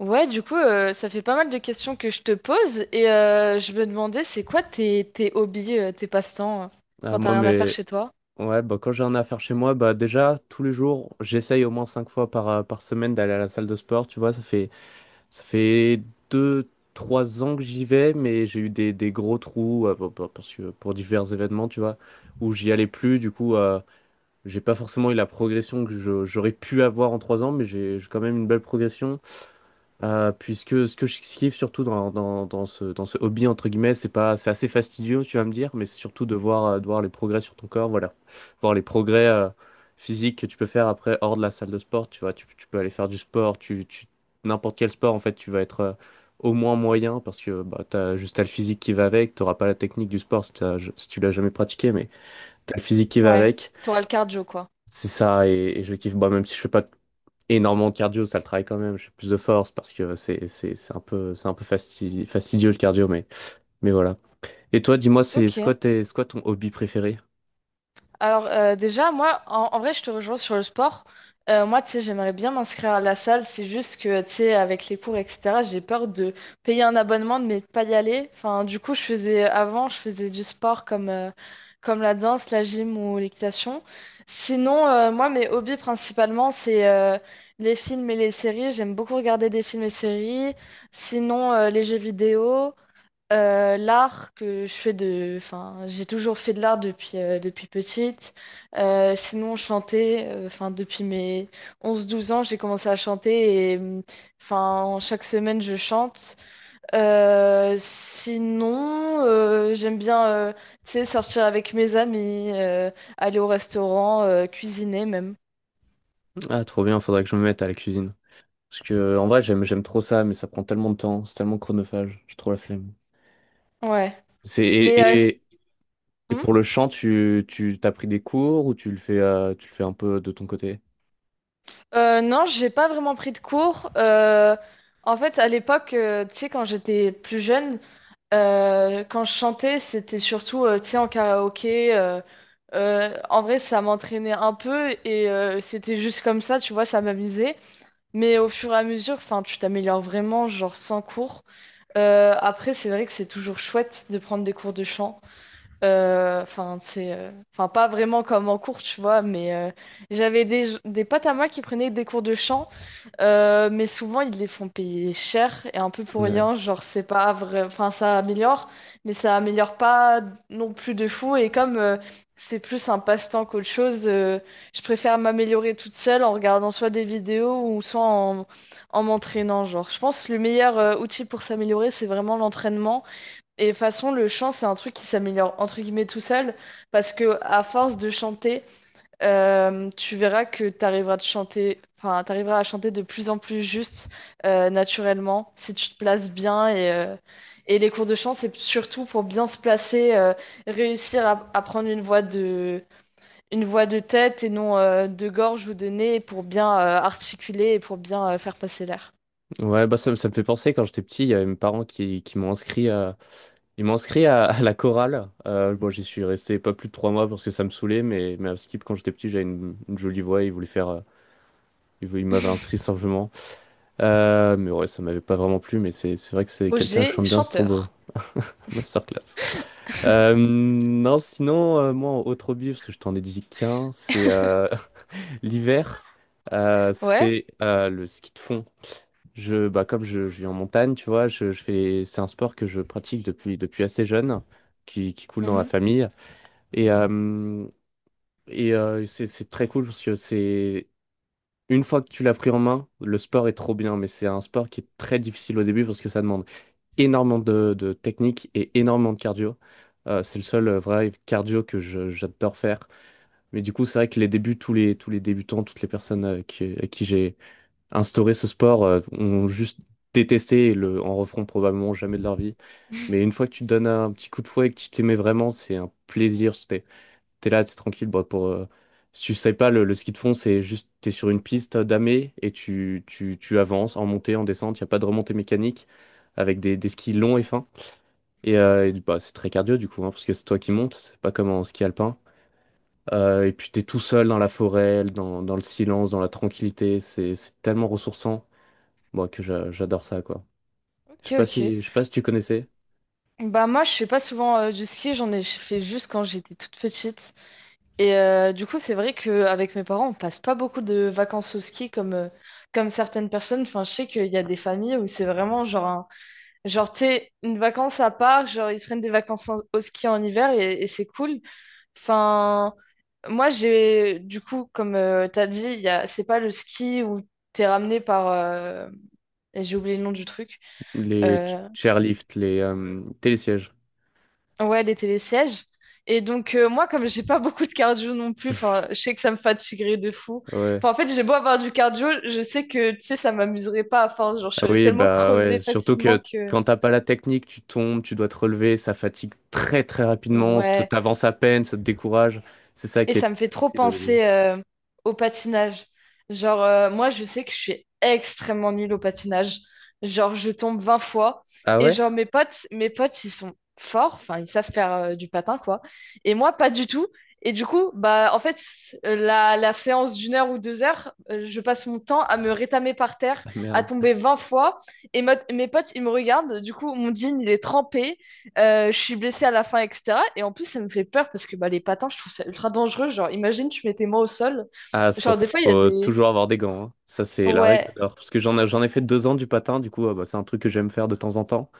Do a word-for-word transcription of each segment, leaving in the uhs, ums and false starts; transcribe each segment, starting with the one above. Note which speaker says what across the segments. Speaker 1: Ouais, du coup, euh, ça fait pas mal de questions que je te pose et euh, je me demandais, c'est quoi tes, tes hobbies, euh, tes passe-temps euh,
Speaker 2: Ah,
Speaker 1: quand t'as
Speaker 2: moi,
Speaker 1: rien à faire
Speaker 2: mais
Speaker 1: chez toi?
Speaker 2: ouais, bah, quand j'ai un affaire chez moi, bah, déjà, tous les jours, j'essaye au moins cinq fois par, euh, par semaine d'aller à la salle de sport. Tu vois, ça fait, ça fait deux, trois ans que j'y vais, mais j'ai eu des, des gros trous euh, pour- pour- parce que, pour divers événements, tu vois, où j'y allais plus. Du coup, euh, j'ai pas forcément eu la progression que je- j'aurais pu avoir en trois ans, mais j'ai j'ai quand même une belle progression. Euh, puisque ce que je kiffe surtout dans, dans, dans ce, dans ce hobby, entre guillemets, c'est pas, c'est assez fastidieux, tu vas me dire, mais c'est surtout de voir, euh, de voir les progrès sur ton corps, voilà. Voir les progrès euh, physiques que tu peux faire après hors de la salle de sport, tu vois. Tu, tu peux aller faire du sport, tu, tu- n'importe quel sport, en fait, tu vas être euh, au moins moyen parce que bah, t'as juste t'as le physique qui va avec, t'auras pas la technique du sport si, t'as- si tu l'as jamais pratiqué, mais t'as le physique qui va
Speaker 1: Ouais,
Speaker 2: avec.
Speaker 1: t'auras le cardio, quoi.
Speaker 2: C'est ça, et, et je kiffe, bah, même si je fais pas énormément de cardio, ça le travaille quand même. Je fais plus de force parce que c'est c'est c'est un peu c'est un peu fasti- fastidieux le cardio, mais mais voilà. Et toi, dis-moi, c'est
Speaker 1: Ok.
Speaker 2: c'est quoi tes- c'est quoi ton hobby préféré?
Speaker 1: Alors euh, déjà, moi, en, en vrai, je te rejoins sur le sport. Euh, moi, tu sais, j'aimerais bien m'inscrire à la salle. C'est juste que, tu sais, avec les cours, et cetera, j'ai peur de payer un abonnement, mais de pas y aller. Enfin, du coup, je faisais avant, je faisais du sport comme, euh, comme la danse, la gym ou l'équitation. Sinon, euh, moi, mes hobbies principalement, c'est euh, les films et les séries. J'aime beaucoup regarder des films et séries. Sinon, euh, les jeux vidéo. Euh, l'art que je fais de, enfin, j'ai toujours fait de l'art depuis, euh, depuis petite. Euh, sinon, chanter, euh, enfin, depuis mes onze douze ans, j'ai commencé à chanter et, hum, enfin, chaque semaine, je chante. Euh, sinon, euh, j'aime bien, euh, tu sais, sortir avec mes amis, euh, aller au restaurant, euh, cuisiner même.
Speaker 2: Ah, trop bien, faudrait que je me mette à la cuisine. Parce que en vrai, j'aime j'aime trop ça, mais ça prend tellement de temps, c'est tellement chronophage, j'ai trop la flemme.
Speaker 1: Ouais.
Speaker 2: C'est
Speaker 1: Mais euh,
Speaker 2: et,
Speaker 1: s-
Speaker 2: et et
Speaker 1: hmm
Speaker 2: pour le chant, tu tu t'as pris des cours ou tu le fais euh, tu le fais un peu de ton côté?
Speaker 1: Euh, non, j'ai pas vraiment pris de cours. Euh, en fait, à l'époque, euh, tu sais, quand j'étais plus jeune, Euh, quand je chantais, c'était surtout, euh, tu sais, en karaoké. euh, euh, En vrai, ça m'entraînait un peu et euh, c'était juste comme ça, tu vois, ça m'amusait. Mais au fur et à mesure, enfin, tu t'améliores vraiment, genre sans cours. Euh, après, c'est vrai que c'est toujours chouette de prendre des cours de chant. Euh, Enfin, c'est, euh, enfin, pas vraiment comme en cours, tu vois, mais euh, j'avais des, des potes à moi qui prenaient des cours de chant euh, mais souvent, ils les font payer cher et un peu pour
Speaker 2: Ouais,
Speaker 1: rien. Genre, c'est pas vrai. Enfin, ça améliore, mais ça améliore pas non plus de fou. Et comme euh, c'est plus un passe-temps qu'autre chose, euh, je préfère m'améliorer toute seule en regardant soit des vidéos ou soit en, en m'entraînant. Genre, je pense que le meilleur euh, outil pour s'améliorer, c'est vraiment l'entraînement. Et de toute façon, le chant, c'est un truc qui s'améliore entre guillemets tout seul parce que à force de chanter euh, tu verras que tu arriveras de chanter, enfin, tu à chanter de plus en plus juste, euh, naturellement, si tu te places bien. Et, euh, et les cours de chant, c'est surtout pour bien se placer, euh, réussir à, à prendre une voix de, une voix de tête et non euh, de gorge ou de nez pour bien euh, articuler et pour bien euh, faire passer l'air.
Speaker 2: ouais, bah ça, me ça me fait penser quand j'étais petit, il y avait mes parents qui, qui m'ont inscrit à, Ils m'ont inscrit à, à la chorale. Euh, bon, j'y suis resté pas plus de trois mois parce que ça me saoulait, mais, mais à Skip, quand j'étais petit, j'avais une, une jolie voix. Ils voulaient faire, euh, ils, vou- ils m'avaient inscrit simplement. Euh, mais ouais, ça m'avait pas vraiment plu, mais c'est c'est vrai que c'est quelqu'un qui
Speaker 1: Projet
Speaker 2: chante bien, c'est trop beau.
Speaker 1: chanteur.
Speaker 2: Masterclass. Euh, non, sinon, euh, moi, autre hobby, parce que je t'en ai dit qu'un, c'est euh, l'hiver, euh,
Speaker 1: Ouais.
Speaker 2: c'est euh, le ski de fond. Je, bah, comme je, je vis en montagne, tu vois, je, je fais, c'est un sport que je pratique depuis, depuis assez jeune, qui, qui coule dans la
Speaker 1: Mhm.
Speaker 2: famille. Et, euh, et euh, c'est c'est très cool parce que c'est une fois que tu l'as pris en main, le sport est trop bien, mais c'est un sport qui est très difficile au début parce que ça demande énormément de, de technique et énormément de cardio. Euh, c'est le seul euh, vrai cardio que je- j'adore faire. Mais du coup, c'est vrai que les débuts, tous les, tous les débutants, toutes les personnes euh, qui, à qui j'ai instauré ce sport euh, ont juste détesté et le, en referont probablement jamais de leur vie. Mais une fois que tu te donnes un petit coup de fouet et que tu t'y vraiment, c'est un plaisir t'es là, t'es tranquille. Bon, pour, euh, si tu sais pas, le, le ski de fond, c'est juste, t'es sur une piste damée et tu, tu, tu avances en montée, en descente. Il n'y a pas de remontée mécanique avec des, des skis longs et fins. Et, euh, et, bah, c'est très cardio du coup, hein, parce que c'est toi qui montes, c'est pas comme en ski alpin. Euh, et puis t'es tout seul dans la forêt, dans, dans le silence, dans la tranquillité. C'est c'est tellement ressourçant, moi, que j'a- j'adore ça, quoi. Je
Speaker 1: Ok,
Speaker 2: sais pas
Speaker 1: ok.
Speaker 2: si, je sais pas si tu connaissais
Speaker 1: Bah moi, je fais pas souvent euh, du ski, j'en ai fait juste quand j'étais toute petite. Et euh, du coup, c'est vrai qu'avec mes parents, on passe pas beaucoup de vacances au ski comme, euh, comme certaines personnes. Enfin, je sais qu'il y a des familles où c'est vraiment genre, un- genre, tu sais, une vacance à part, genre, ils se prennent des vacances en- au ski en hiver et, et c'est cool. Enfin, moi, j'ai, du coup, comme tu as dit, il y a, c'est pas le ski où t'es ramené par, euh, et j'ai oublié le nom du truc.
Speaker 2: les ch-
Speaker 1: euh,
Speaker 2: chairlifts, les euh, télésièges.
Speaker 1: Ouais, les télésièges. Et donc, euh, moi, comme j'ai pas beaucoup de cardio non plus, enfin, je sais que ça me fatiguerait de fou.
Speaker 2: Ouais.
Speaker 1: Enfin, en fait, j'ai beau avoir du cardio, je sais que, tu sais, ça m'amuserait pas à force. Genre, je
Speaker 2: Ah
Speaker 1: serais
Speaker 2: oui,
Speaker 1: tellement
Speaker 2: bah ouais,
Speaker 1: crevée
Speaker 2: surtout
Speaker 1: facilement
Speaker 2: que
Speaker 1: que...
Speaker 2: quand t'as pas la technique, tu tombes, tu dois te relever, ça fatigue très très rapidement, t-
Speaker 1: Ouais.
Speaker 2: t'avances à peine, ça te décourage. C'est ça
Speaker 1: Et
Speaker 2: qui
Speaker 1: ça
Speaker 2: est
Speaker 1: me fait trop
Speaker 2: difficile au début.
Speaker 1: penser euh, au patinage. Genre, euh, moi, je sais que je suis extrêmement nulle au patinage. Genre, je tombe vingt fois.
Speaker 2: Ah
Speaker 1: Et
Speaker 2: ouais?
Speaker 1: genre, mes potes, mes potes, ils sont forts. Enfin, ils savent faire euh, du patin, quoi. Et moi, pas du tout. Et du coup, bah, en fait, euh, la, la séance d'une heure ou deux heures, euh, je passe mon temps à me rétamer par terre,
Speaker 2: Ah
Speaker 1: à
Speaker 2: merde.
Speaker 1: tomber vingt fois. Et mo- mes potes, ils me regardent. Du coup, mon jean, il est trempé. Euh, je suis blessée à la fin, et cetera. Et en plus, ça me fait peur parce que bah, les patins, je trouve ça ultra dangereux. Genre, imagine, tu mettais moi au sol.
Speaker 2: Ah, c'est pour
Speaker 1: Genre,
Speaker 2: ça
Speaker 1: des
Speaker 2: qu'il
Speaker 1: fois, il y a
Speaker 2: faut
Speaker 1: des...
Speaker 2: toujours avoir des gants, hein. Ça, c'est la règle
Speaker 1: Ouais,
Speaker 2: d'or. Parce que j'en ai, j'en ai fait deux ans du patin, du coup, ah bah, c'est un truc que j'aime faire de temps en temps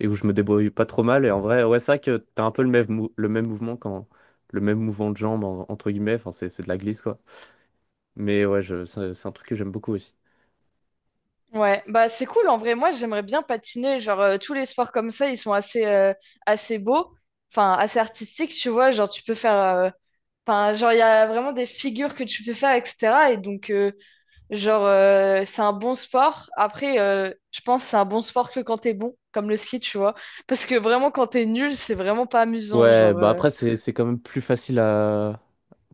Speaker 2: et où je me débrouille pas trop mal. Et en vrai, ouais, c'est vrai que t'as un peu le même, mou- le même mouvement quand. Le même mouvement de jambe, en- entre guillemets, enfin, c'est c'est de la glisse, quoi. Mais ouais, je, c'est c'est un truc que j'aime beaucoup aussi.
Speaker 1: ouais. Bah, c'est cool. En vrai, moi, j'aimerais bien patiner. Genre, euh, tous les sports comme ça, ils sont assez, euh, assez beaux. Enfin, assez artistiques, tu vois. Genre, tu peux faire... euh, Enfin, genre, il y a vraiment des figures que tu peux faire, et cetera. Et donc, euh, genre, euh, c'est un bon sport. Après, euh, je pense que c'est un bon sport que quand t'es bon, comme le ski, tu vois. Parce que vraiment, quand t'es nul, c'est vraiment pas amusant.
Speaker 2: Ouais,
Speaker 1: Genre...
Speaker 2: bah
Speaker 1: euh,
Speaker 2: après c'est c'est quand même plus facile à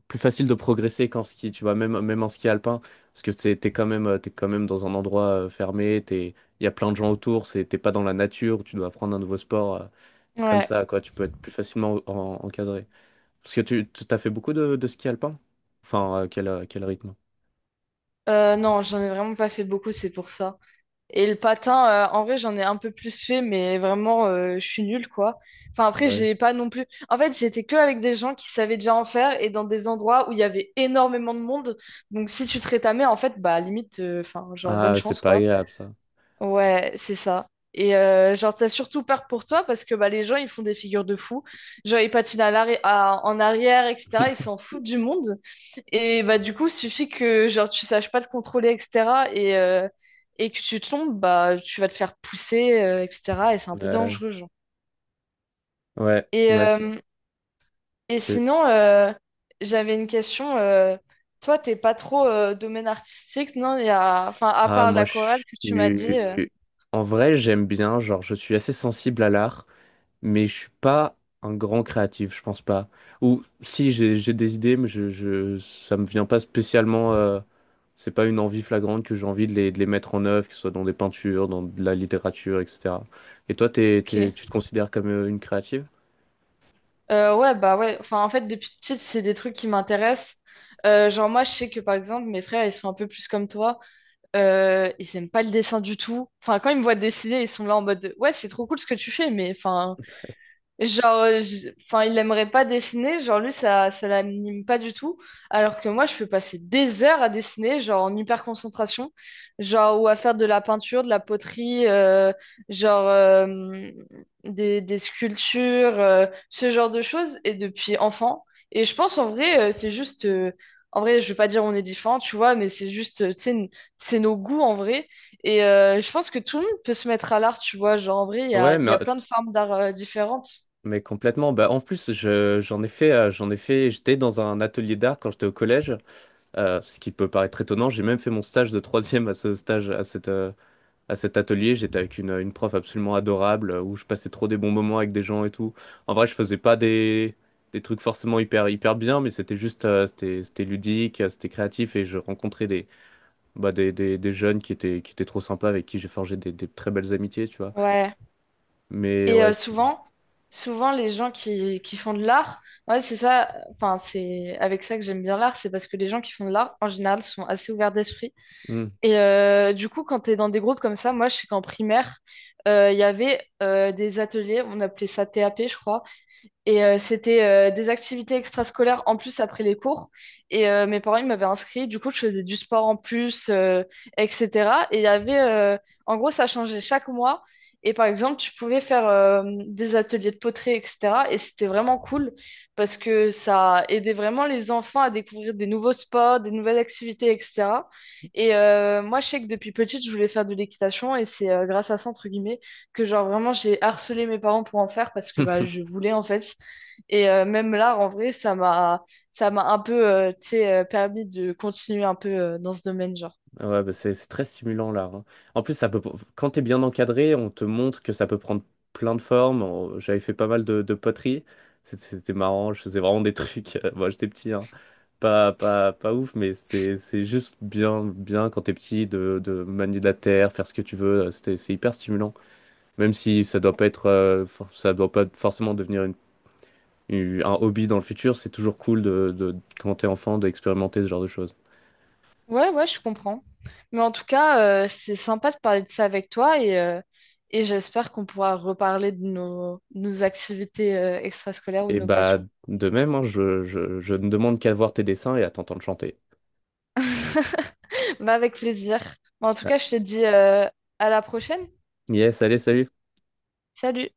Speaker 2: plus facile de progresser qu'en ski, tu vois, même même en ski alpin parce que c'est t'es quand même euh, t'es quand même dans un endroit euh, fermé, t'es il y a plein de gens autour, c'est t'es pas dans la nature, tu dois apprendre un nouveau sport, euh, comme
Speaker 1: Ouais,
Speaker 2: ça quoi, tu peux être plus facilement en- encadré. Parce que tu tu- t'as fait beaucoup de, de ski alpin? Enfin, euh, quel euh, quel rythme?
Speaker 1: euh, non, j'en ai vraiment pas fait beaucoup, c'est pour ça. Et le patin, euh, en vrai, j'en ai un peu plus fait, mais vraiment, euh, je suis nulle, quoi. Enfin, après,
Speaker 2: Ouais.
Speaker 1: j'ai pas non plus. En fait, j'étais que avec des gens qui savaient déjà en faire et dans des endroits où il y avait énormément de monde. Donc, si tu te rétamais, en fait, bah, limite, euh, enfin, genre, bonne
Speaker 2: Ah, c'est
Speaker 1: chance,
Speaker 2: pas
Speaker 1: quoi.
Speaker 2: agréable ça.
Speaker 1: Ouais, c'est ça. Et euh, genre, t'as surtout peur pour toi parce que bah, les gens, ils font des figures de fous. Genre, ils patinent à l'arri- à- en arrière, et cetera. Ils s'en foutent du monde. Et bah, du coup, suffit que genre, tu saches pas te contrôler, et cetera. Et, euh, et que tu tombes, bah, tu vas te faire pousser, euh, et cetera. Et c'est un peu
Speaker 2: Ouais.
Speaker 1: dangereux, genre.
Speaker 2: Ouais,
Speaker 1: Et,
Speaker 2: ouais, c'est-
Speaker 1: euh, et
Speaker 2: c'est-
Speaker 1: sinon, euh, j'avais une question. Euh, toi, t'es pas trop euh, domaine artistique, non? Il y a... Enfin, à
Speaker 2: Ah,
Speaker 1: part
Speaker 2: moi je
Speaker 1: l'aquarelle que tu m'as dit. euh,
Speaker 2: suis en vrai, j'aime bien, genre je suis assez sensible à l'art. Mais je suis pas un grand créatif, je pense pas. Ou si j'ai j'ai des idées, mais je, je ça me vient pas spécialement. Euh, c'est pas une envie flagrante que j'ai envie de les, de les mettre en œuvre, que ce soit dans des peintures, dans de la littérature, et cetera. Et toi, t'es,
Speaker 1: Ok.
Speaker 2: t'es- tu te considères comme euh, une créative?
Speaker 1: Euh, ouais, bah ouais. Enfin, en fait, depuis petite, c'est des trucs qui m'intéressent. Euh, genre, moi, je sais que par exemple, mes frères, ils sont un peu plus comme toi. Euh, ils aiment pas le dessin du tout. Enfin, quand ils me voient dessiner, ils sont là en mode, de, ouais, c'est trop cool ce que tu fais, mais enfin. Genre, euh, enfin, il aimerait pas dessiner, genre lui, ça, ça l'anime pas du tout, alors que moi, je peux passer des heures à dessiner, genre en hyper concentration, genre, ou à faire de la peinture, de la poterie, euh, genre euh, des, des sculptures, euh, ce genre de choses, et depuis enfant. Et je pense, en vrai, euh, c'est juste, euh, en vrai, je veux pas dire on est différents, tu vois, mais c'est juste, euh, tu sais, n- c'est nos goûts, en vrai. Et euh, je pense que tout le monde peut se mettre à l'art, tu vois. Genre, en vrai, il y a,
Speaker 2: Ouais,
Speaker 1: il y
Speaker 2: mais,
Speaker 1: a plein de formes d'art euh, différentes.
Speaker 2: mais complètement. Bah, en plus, je, j'en ai fait, euh, j'en ai fait, j'étais dans un atelier d'art quand j'étais au collège, euh, ce qui peut paraître étonnant. J'ai même fait mon stage de troisième à ce stage, à cette, euh, à cet atelier, j'étais avec une, une prof absolument adorable euh, où je passais trop des bons moments avec des gens et tout. En vrai, je faisais pas des, des trucs forcément hyper, hyper bien, mais c'était juste, euh, c'était, c'était ludique, euh, c'était créatif et je rencontrais des, bah, des, des, des jeunes qui étaient, qui étaient trop sympas avec qui j'ai forgé des, des très belles amitiés, tu vois.
Speaker 1: Ouais.
Speaker 2: Mais
Speaker 1: Et
Speaker 2: ouais,
Speaker 1: euh,
Speaker 2: c'est-
Speaker 1: souvent, souvent les gens qui, qui font de l'art, ouais, c'est ça, enfin, c'est avec ça que j'aime bien l'art, c'est parce que les gens qui font de l'art, en général, sont assez ouverts d'esprit.
Speaker 2: Hmm.
Speaker 1: Et euh, du coup, quand t'es dans des groupes comme ça, moi, je sais qu'en primaire, euh, il y avait euh, des ateliers, on appelait ça T A P, je crois, et euh, c'était euh, des activités extrascolaires en plus après les cours. Et euh, mes parents, ils m'avaient inscrit. Du coup, je faisais du sport en plus, euh, et cetera. Et il y avait, euh, en gros, ça changeait chaque mois. Et par exemple, tu pouvais faire euh, des ateliers de poterie, et cetera. Et c'était vraiment cool parce que ça aidait vraiment les enfants à découvrir des nouveaux sports, des nouvelles activités, et cetera. Et euh, moi, je sais que depuis petite, je voulais faire de l'équitation et c'est euh, grâce à ça, entre guillemets que genre vraiment j'ai harcelé mes parents pour en faire parce que bah je voulais en fait et euh, même là en vrai ça m'a ça m'a un peu euh, tu sais, euh, permis de continuer un peu euh, dans ce domaine genre
Speaker 2: Ah, ouais, bah, c'est c'est très stimulant l'art, hein. En plus, ça peut, quand t'es bien encadré, on te montre que ça peut prendre plein de formes. On- J'avais fait pas mal de, de poterie. C'était c'était marrant, je faisais vraiment des trucs. Moi, j'étais petit, hein. Pas, pas, pas ouf, mais c'est c'est juste bien, bien quand t'es petit de, de manier la terre, faire ce que tu veux. euh, C'était, c'est hyper stimulant. Même si ça doit pas être, euh, for- ça doit pas forcément devenir une- une- un hobby dans le futur, c'est toujours cool de, de, quand t'es enfant d'expérimenter ce genre de choses.
Speaker 1: ouais ouais je comprends mais en tout cas euh, c'est sympa de parler de ça avec toi et euh, et j'espère qu'on pourra reparler de nos nos activités euh, extrascolaires ou de
Speaker 2: Et
Speaker 1: nos
Speaker 2: bah,
Speaker 1: passions
Speaker 2: de même, hein, je, je, je ne demande qu'à voir tes dessins et à t'entendre chanter.
Speaker 1: bah avec plaisir. Bon, en tout
Speaker 2: Ah.
Speaker 1: cas je te dis euh, à la prochaine.
Speaker 2: Yes, allez, salut!
Speaker 1: Salut.